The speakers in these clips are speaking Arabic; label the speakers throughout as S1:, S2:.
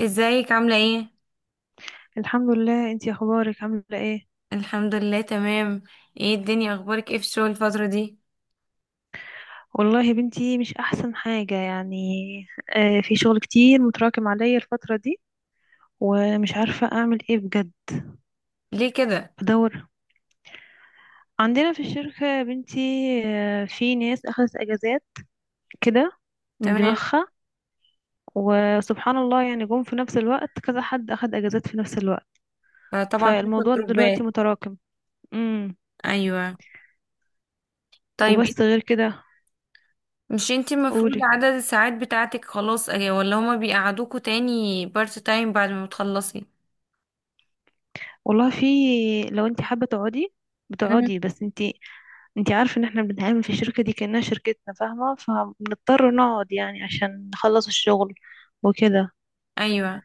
S1: ازيك عاملة ايه؟
S2: الحمد لله، انتي اخبارك عامله ايه؟
S1: الحمد لله تمام. ايه الدنيا اخبارك ايه في الشغل الفترة دي؟
S2: والله يا بنتي، مش احسن حاجه يعني. في شغل كتير متراكم عليا الفتره دي، ومش عارفه اعمل ايه بجد.
S1: ليه كده؟
S2: بدور، عندنا في الشركه يا بنتي. في ناس اخذت اجازات كده من
S1: تمام.
S2: دماغها، وسبحان الله يعني جم في نفس الوقت كذا حد اخذ اجازات في نفس الوقت.
S1: فطبعا حصل
S2: فالموضوع
S1: جروبات.
S2: دلوقتي متراكم. امم.
S1: ايوه. طيب
S2: وبس
S1: إيه؟
S2: غير كده.
S1: مش انتي المفروض
S2: قولي.
S1: عدد الساعات بتاعتك خلاص ايه، ولا هما بيقعدوكوا تاني بارت تايم بعد ما بتخلصي؟
S2: والله في، لو انت حابه تقعدي
S1: مم.
S2: بتقعدي، بس انت. انتي عارفة ان احنا بنتعامل في الشركة دي كأنها شركتنا، فاهمة؟ فبنضطر نقعد يعني عشان نخلص الشغل وكده.
S1: ايوه.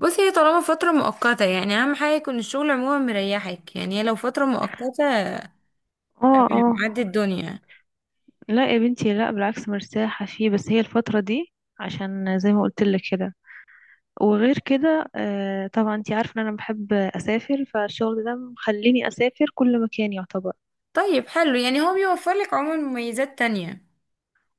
S1: بصي، هي طالما فترة مؤقتة يعني اهم حاجة يكون الشغل عموما مريحك، يعني هي لو فترة مؤقتة
S2: اه،
S1: تمام
S2: اه.
S1: عدي الدنيا.
S2: لا يا بنتي، لا بالعكس، مرتاحة فيه، بس هي الفترة دي عشان زي ما قلت لك كده. وغير كده طبعا انتي عارفة ان انا بحب اسافر، فالشغل ده مخليني اسافر كل مكان يعتبر.
S1: طيب حلو، يعني هو بيوفر لك عموما مميزات تانية.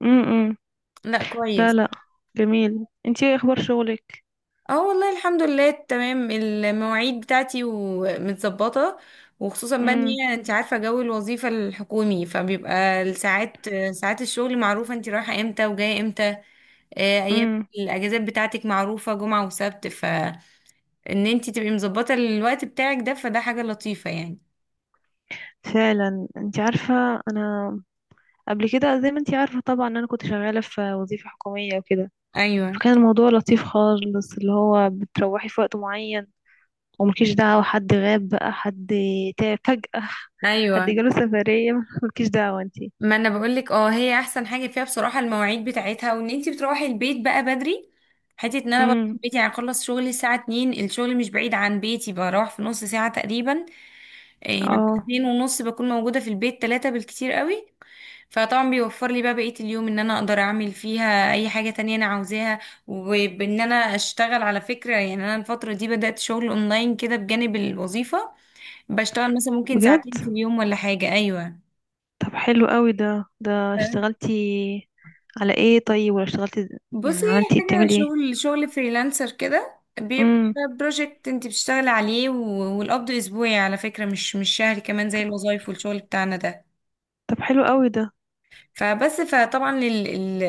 S2: امم.
S1: لا
S2: لا،
S1: كويس.
S2: لا. جميل. انتي ايه اخبار شغلك؟
S1: اه والله الحمد لله تمام، المواعيد بتاعتي ومتظبطة، وخصوصا بقى ان
S2: امم،
S1: هي انت عارفة جو الوظيفة الحكومي فبيبقى الساعات ساعات الشغل معروفة، انت رايحة امتى وجاية امتى. ايام
S2: امم.
S1: الاجازات بتاعتك معروفة جمعة وسبت، فان انت تبقي مظبطة الوقت بتاعك ده فده حاجة لطيفة يعني.
S2: فعلا، انتي عارفة انا قبل كده زي ما انتي عارفة طبعا ان انا كنت شغالة في وظيفة حكومية وكده.
S1: ايوه.
S2: فكان الموضوع لطيف خالص، اللي هو بتروحي في وقت معين، وملكيش دعوة حد غاب بقى، حد تعب فجأة، حد
S1: ايوه،
S2: جاله سفرية ملكيش دعوة انتي.
S1: ما انا بقولك اه هي احسن حاجه فيها بصراحه المواعيد بتاعتها، وان انتي بتروحي البيت بقى بدري. حته ان انا بروح
S2: امم.
S1: بيتي، يعني اخلص شغلي الساعه 2، الشغل مش بعيد عن بيتي، بروح في نص ساعه تقريبا. إيه، يعني
S2: اه.
S1: اتنين ونص بكون موجوده في البيت، تلاتة بالكتير قوي. فطبعا بيوفر لي بقى بقيه اليوم ان انا اقدر اعمل فيها اي حاجه تانية انا عاوزاها، وبان انا اشتغل على فكره. يعني انا الفتره دي بدات شغل اونلاين كده بجانب الوظيفه، بشتغل مثلا ممكن
S2: بجد؟
S1: ساعتين في اليوم ولا حاجه. ايوه.
S2: طب حلو قوي ده اشتغلتي على ايه طيب، ولا اشتغلتي
S1: بصي،
S2: يعني،
S1: هي
S2: عملتي ايه؟
S1: حاجة
S2: بتعملي ايه؟
S1: شغل شغل فريلانسر كده، بيبقى
S2: امم.
S1: بروجكت انت بتشتغلي عليه والقبض اسبوعي على فكرة، مش شهري كمان زي الوظايف والشغل بتاعنا ده.
S2: طب حلو قوي ده.
S1: فبس فطبعا ال ال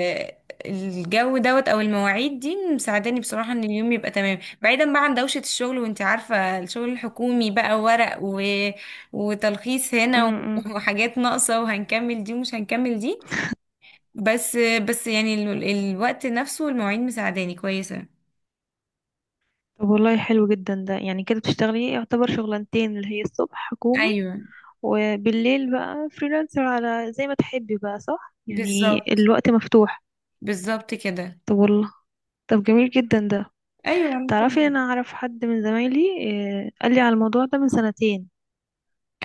S1: الجو دوت او المواعيد دي مساعداني بصراحة، ان اليوم يبقى تمام بعيدا بقى عن دوشة الشغل. وانت عارفة الشغل الحكومي بقى ورق وتلخيص هنا
S2: امم.
S1: وحاجات ناقصة، وهنكمل دي ومش هنكمل دي. بس بس يعني الوقت نفسه والمواعيد مساعداني كويسة.
S2: طب والله حلو جدا ده، يعني كده بتشتغلي إيه؟ يعتبر شغلانتين، اللي هي الصبح حكومي
S1: ايوه.
S2: وبالليل بقى فريلانسر، على زي ما تحبي بقى، صح، يعني
S1: بالظبط.
S2: الوقت مفتوح.
S1: بالظبط كده.
S2: طب والله. طب جميل جدا ده.
S1: ايوه.
S2: تعرفي، انا اعرف حد من زمايلي، قال لي على الموضوع ده من سنتين.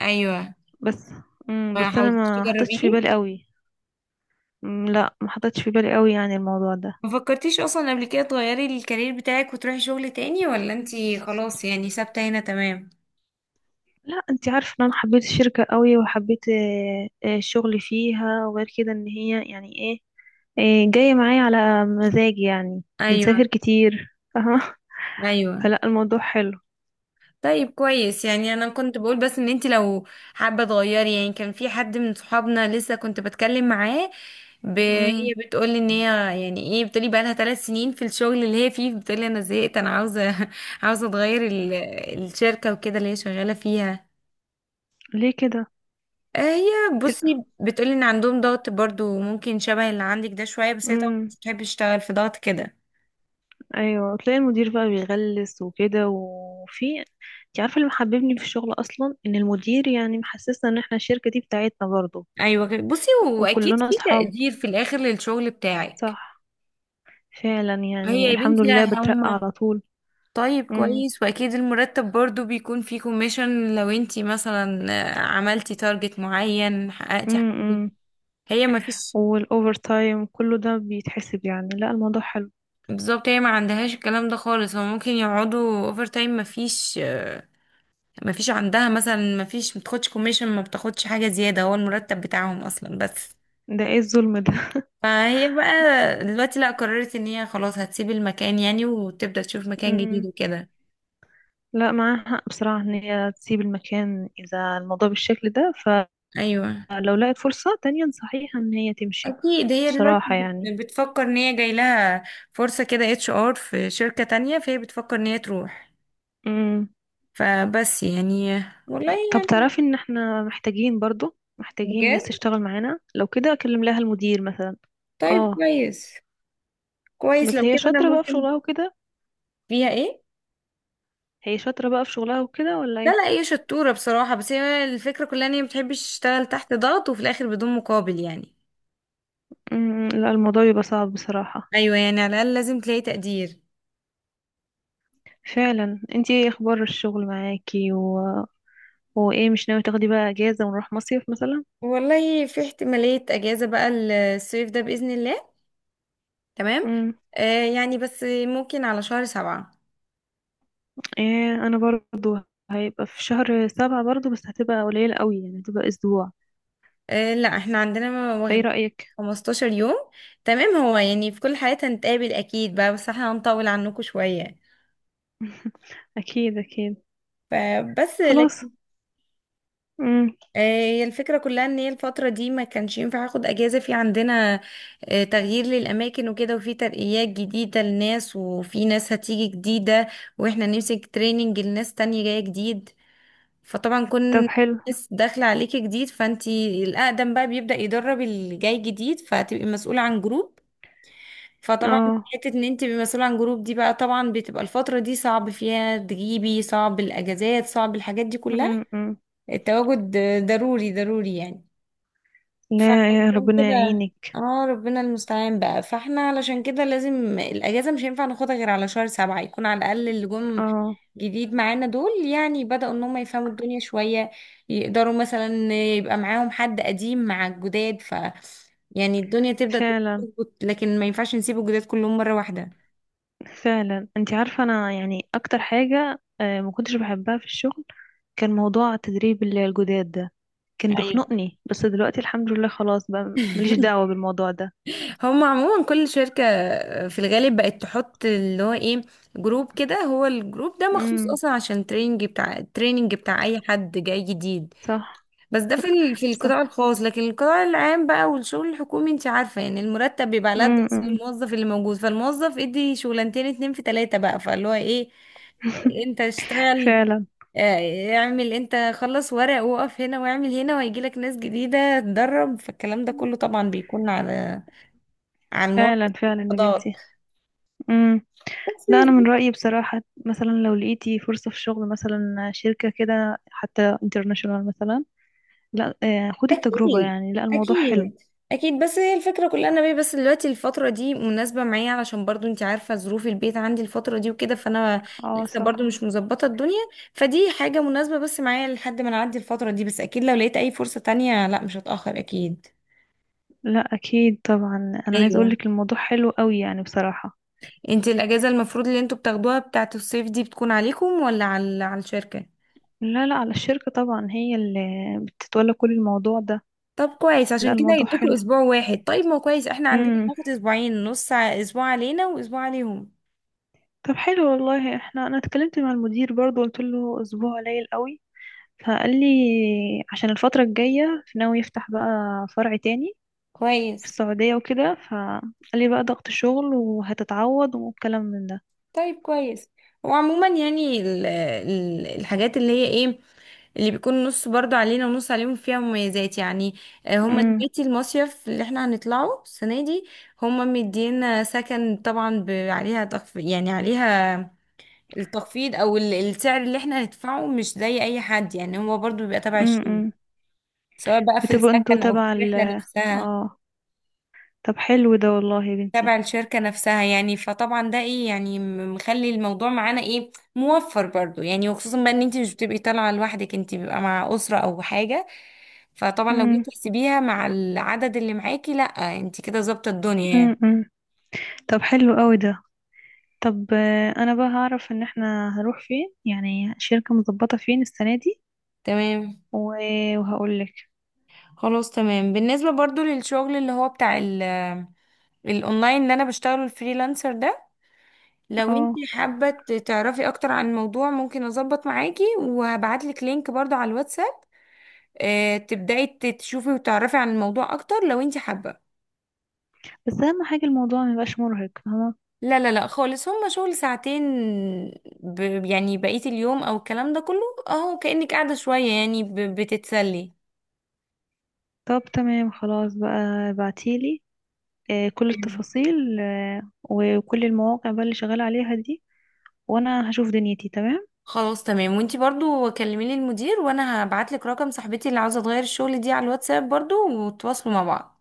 S1: ايوه.
S2: بس.
S1: ما
S2: بس انا
S1: حاولتيش
S2: ما حطيتش في
S1: تجربيه؟
S2: بالي قوي. لا ما حطيتش في بالي قوي يعني الموضوع ده.
S1: ما فكرتيش اصلا قبل كده تغيري الكارير بتاعك وتروحي شغل تاني، ولا انتي خلاص يعني ثابته هنا تمام؟
S2: لا، انت عارفه ان انا حبيت الشركه قوي، وحبيت الشغل فيها، وغير كده ان هي يعني ايه، جايه معايا على مزاجي يعني.
S1: ايوه.
S2: بنسافر كتير، فاهمه؟
S1: ايوه.
S2: فلا، الموضوع حلو.
S1: طيب كويس، يعني انا كنت بقول بس ان انتي لو حابه تغيري، يعني كان في حد من صحابنا لسه كنت بتكلم معاه.
S2: امم.
S1: هي بتقولي ان هي يعني ايه، بتقولي بقى لها 3 سنين في الشغل اللي هي فيه، بتقولي انا زهقت، انا عاوزه عاوزه اتغير الشركه وكده اللي هي شغاله فيها.
S2: ليه كده؟
S1: هي
S2: تل...
S1: بصي بتقولي ان عندهم ضغط برضو ممكن شبه اللي عندك ده شوية، بس هي طبعا
S2: امم.
S1: مش بتحب تشتغل في ضغط كده.
S2: ايوه، تلاقي المدير بقى بيغلس وكده، وفي انت عارفه اللي محببني في الشغل اصلا ان المدير يعني محسسنا ان احنا الشركه دي بتاعتنا برضه،
S1: ايوه كده. بصي، واكيد
S2: وكلنا
S1: في
S2: اصحاب.
S1: تقدير في الاخر للشغل بتاعك.
S2: صح. فعلا
S1: هي
S2: يعني،
S1: يا
S2: الحمد
S1: بنتي
S2: لله
S1: لا
S2: بترقى
S1: هما.
S2: على طول.
S1: طيب
S2: امم،
S1: كويس، واكيد المرتب برضو بيكون فيه كوميشن لو انتي مثلا عملتي تارجت معين حققتي حاجة.
S2: امم.
S1: هي ما فيش.
S2: والاوفر تايم كله ده بيتحسب يعني، لا الموضوع حلو.
S1: بالظبط، هي ما عندهاش الكلام ده خالص، هو ممكن يقعدوا اوفر تايم ما فيش، ما فيش عندها مثلا، ما فيش، ما بتاخدش كوميشن، ما بتاخدش حاجة زيادة، هو المرتب بتاعهم اصلا بس.
S2: ده ايه الظلم ده؟
S1: فهي بقى دلوقتي لا، قررت ان هي خلاص هتسيب المكان يعني، وتبدأ تشوف مكان
S2: امم.
S1: جديد وكده.
S2: لا، معاها حق بصراحه ان هي تسيب المكان اذا الموضوع بالشكل ده.
S1: ايوه.
S2: لو لقت فرصة تانية نصحيها ان هي تمشي.
S1: اكيد هي دلوقتي
S2: بصراحة يعني.
S1: بتفكر ان هي جاي لها فرصة كده، HR في شركة تانية، فهي بتفكر ان هي تروح.
S2: امم.
S1: فبس يعني والله
S2: طب
S1: يعني.
S2: تعرفي ان احنا محتاجين، برضو محتاجين
S1: بجد.
S2: ناس تشتغل معانا، لو كده اكلم لها المدير مثلا.
S1: طيب
S2: اه.
S1: كويس. كويس
S2: بس
S1: لو
S2: هي
S1: كده انا
S2: شاطرة بقى في
S1: ممكن.
S2: شغلها وكده.
S1: فيها ايه؟
S2: هي شاطرة بقى في شغلها وكده، ولا
S1: لا،
S2: ايه؟
S1: لا هي شطورة بصراحة، بس هي الفكرة كلها ان هي مبتحبش تشتغل تحت ضغط وفي الاخر بدون مقابل يعني.
S2: امم. لا، الموضوع بيبقى صعب بصراحة.
S1: ايوه، يعني على الاقل لازم تلاقي تقدير.
S2: فعلا. انتي ايه اخبار الشغل معاكي وايه، مش ناوي تاخدي بقى اجازة ونروح مصيف مثلا؟
S1: والله في احتمالية اجازة بقى، الصيف ده بإذن الله. تمام.
S2: امم.
S1: يعني بس ممكن على شهر سبعة.
S2: ايه، انا برضو هيبقى في شهر سبعة برضو، بس هتبقى قليلة قوي يعني، هتبقى اسبوع.
S1: آه لا، احنا عندنا
S2: فايه
S1: واخدين
S2: رأيك؟
S1: 15 يوم. تمام، هو يعني في كل حالات هنتقابل اكيد بقى، بس احنا هنطول عنكم شوية
S2: اكيد، اكيد.
S1: فبس
S2: خلاص.
S1: لكن.
S2: امم.
S1: هي الفكرة كلها ان هي الفترة دي ما كانش ينفع اخد اجازة، في عندنا تغيير للاماكن وكده، وفي ترقيات جديدة لناس، وفي ناس هتيجي جديدة، واحنا نمسك تريننج لناس تانية جاية جديد. فطبعا
S2: طب
S1: كون
S2: حلو.
S1: ناس داخلة عليكي جديد، فانتي الاقدم بقى بيبدأ يدرب اللي جاي جديد، فهتبقي مسؤولة عن جروب. فطبعا
S2: اه.
S1: حتة ان انت تبقي مسؤولة عن جروب دي بقى طبعا بتبقى الفترة دي صعب فيها تجيبي، صعب الاجازات، صعب الحاجات دي كلها.
S2: امم. أمم.
S1: التواجد ضروري ضروري يعني.
S2: لا، يا
S1: فعشان
S2: ربنا
S1: كده
S2: يعينك.
S1: اه ربنا المستعان بقى، فاحنا علشان كده لازم الاجازه مش هينفع ناخدها غير على شهر سبعة، يكون على الاقل اللي جم
S2: اه.
S1: جديد معانا دول يعني بدأوا ان هم يفهموا الدنيا شويه، يقدروا مثلا يبقى معاهم حد قديم مع الجداد ف يعني الدنيا تبدأ
S2: فعلا،
S1: تظبط، لكن ما ينفعش نسيب الجداد كلهم مره واحده.
S2: فعلا، انت عارفه انا يعني اكتر حاجه ما كنتش بحبها في الشغل، كان موضوع تدريب الجداد ده. كان
S1: ايوه.
S2: بيخنقني، بس دلوقتي الحمد لله خلاص بقى ماليش دعوه بالموضوع ده.
S1: هم عموما كل شركة في الغالب بقت تحط اللي هو ايه، جروب كده، هو الجروب ده مخصوص
S2: امم.
S1: اصلا عشان التريننج بتاع اي حد جاي جديد.
S2: صح،
S1: بس ده في القطاع
S2: صح.
S1: الخاص، لكن القطاع العام بقى والشغل الحكومي انت عارفة، يعني المرتب بيبقى على قد
S2: امم.
S1: اصلا
S2: أمم.
S1: الموظف اللي موجود، فالموظف ادي شغلانتين اتنين في تلاتة بقى، فاللي هو ايه انت اشتغل،
S2: فعلا،
S1: اه، اعمل انت خلص ورق، وقف هنا واعمل هنا، وهيجيلك ناس جديدة تدرب، فالكلام ده كله طبعا بيكون على عن
S2: فعلا،
S1: موافقة
S2: فعلا، يا
S1: القضاء
S2: بنتي.
S1: بس.
S2: لا، انا من رايي بصراحه، مثلا لو لقيتي فرصه في شغل مثلا، شركه كده حتى انترناشونال مثلا، لا خدي التجربه
S1: أكيد.
S2: يعني، لا الموضوع حلو.
S1: أكيد. أكيد، بس هي الفكرة كلها ان أنا بيه، بس دلوقتي الفترة دي مناسبة معايا علشان برضو أنت عارفة ظروف البيت عندي الفترة دي وكده، فأنا
S2: اه،
S1: لسه
S2: صح.
S1: برضو مش مظبطة الدنيا. فدي حاجة مناسبة بس معايا لحد ما نعدي الفترة دي، بس أكيد لو لقيت أي فرصة تانية لا مش هتأخر أكيد.
S2: لا اكيد طبعا، انا عايز
S1: أيوة.
S2: اقولك الموضوع حلو قوي يعني بصراحه.
S1: أنت الأجازة المفروض اللي أنتوا بتاخدوها بتاعة الصيف دي بتكون عليكم ولا على الشركة؟
S2: لا، لا، على الشركه طبعا، هي اللي بتتولى كل الموضوع ده.
S1: طب كويس،
S2: لا،
S1: عشان كده
S2: الموضوع
S1: يدوكوا
S2: حلو.
S1: اسبوع واحد. طيب ما هو كويس، احنا عندنا
S2: امم.
S1: هناخد اسبوعين نص، اسبوع علينا واسبوع عليهم.
S2: طب حلو والله، احنا انا اتكلمت مع المدير برضو، قلت له اسبوع قليل قوي. فقال لي عشان الفتره الجايه ناوي يفتح بقى فرع تاني في
S1: كويس.
S2: السعودية وكده، فقال لي بقى ضغط شغل وهتتعوض، والكلام من ده.
S1: طيب كويس. وعموما يعني ال ال الحاجات اللي هي ايه، اللي بيكون نص برضو علينا ونص عليهم فيها مميزات يعني. هما
S2: امم.
S1: دلوقتي المصيف اللي احنا هنطلعه السنة دي، هما مدينا سكن طبعا عليها تخفيض، يعني عليها التخفيض او السعر اللي احنا هندفعه مش زي اي حد، يعني هو برضو بيبقى تبع الشغل،
S2: امم.
S1: سواء بقى في
S2: بتبقوا انتوا
S1: السكن أو
S2: تبع
S1: في
S2: ال.
S1: الرحلة نفسها،
S2: اه. طب حلو ده والله يا
S1: تبع
S2: بنتي.
S1: الشركة نفسها يعني. فطبعا ده ايه يعني مخلي الموضوع معانا ايه موفر برضو يعني، وخصوصا بقى ان انت مش بتبقي طالعة لوحدك، انت بيبقى مع أسرة أو حاجة. فطبعا لو
S2: امم.
S1: جيتي تحسبيها مع العدد اللي معاكي، لا انت كده ظابطة الدنيا يعني.
S2: امم. طب حلو قوي ده. طب انا بقى هعرف ان احنا هنروح فين يعني، شركة مظبطة فين السنة دي،
S1: تمام.
S2: وهقول لك.
S1: خلاص تمام، بالنسبة برضو للشغل اللي هو بتاع الاونلاين اللي انا بشتغله الفريلانسر ده، لو انت
S2: اه.
S1: حابة تعرفي اكتر عن الموضوع ممكن اظبط معاكي، وهبعتلك لينك برضو على الواتس. تبدأي تشوفي وتعرفي عن الموضوع أكتر لو انت حابة.
S2: بس اهم حاجة الموضوع ما يبقاش مرهق، فاهمة؟
S1: لا، لا، لا خالص، هما شغل ساعتين. ب... يعني بقية اليوم أو الكلام ده كله أهو كأنك قاعدة شوية، يعني بتتسلي.
S2: طب تمام، خلاص بقى. ابعتيلي كل
S1: تمام.
S2: التفاصيل وكل المواقع بقى اللي شغالة عليها دي، وانا هشوف دنيتي تمام.
S1: خلاص تمام، وانتي برضو كلميلي المدير، وانا هبعتلك رقم صاحبتي اللي عاوزة تغير الشغل دي على الواتساب برضو، وتواصلوا مع بعض.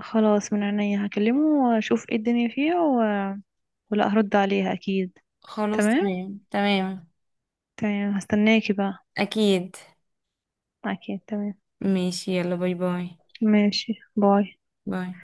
S2: خلاص، من عينيا هكلمه واشوف ايه الدنيا فيها ولا هرد عليها اكيد.
S1: خلاص
S2: تمام.
S1: تمام تمام.
S2: تمام، هستناكي بقى.
S1: أكيد.
S2: اكيد، تمام.
S1: ماشي يلا باي باي.
S2: ماشي، باي
S1: باي.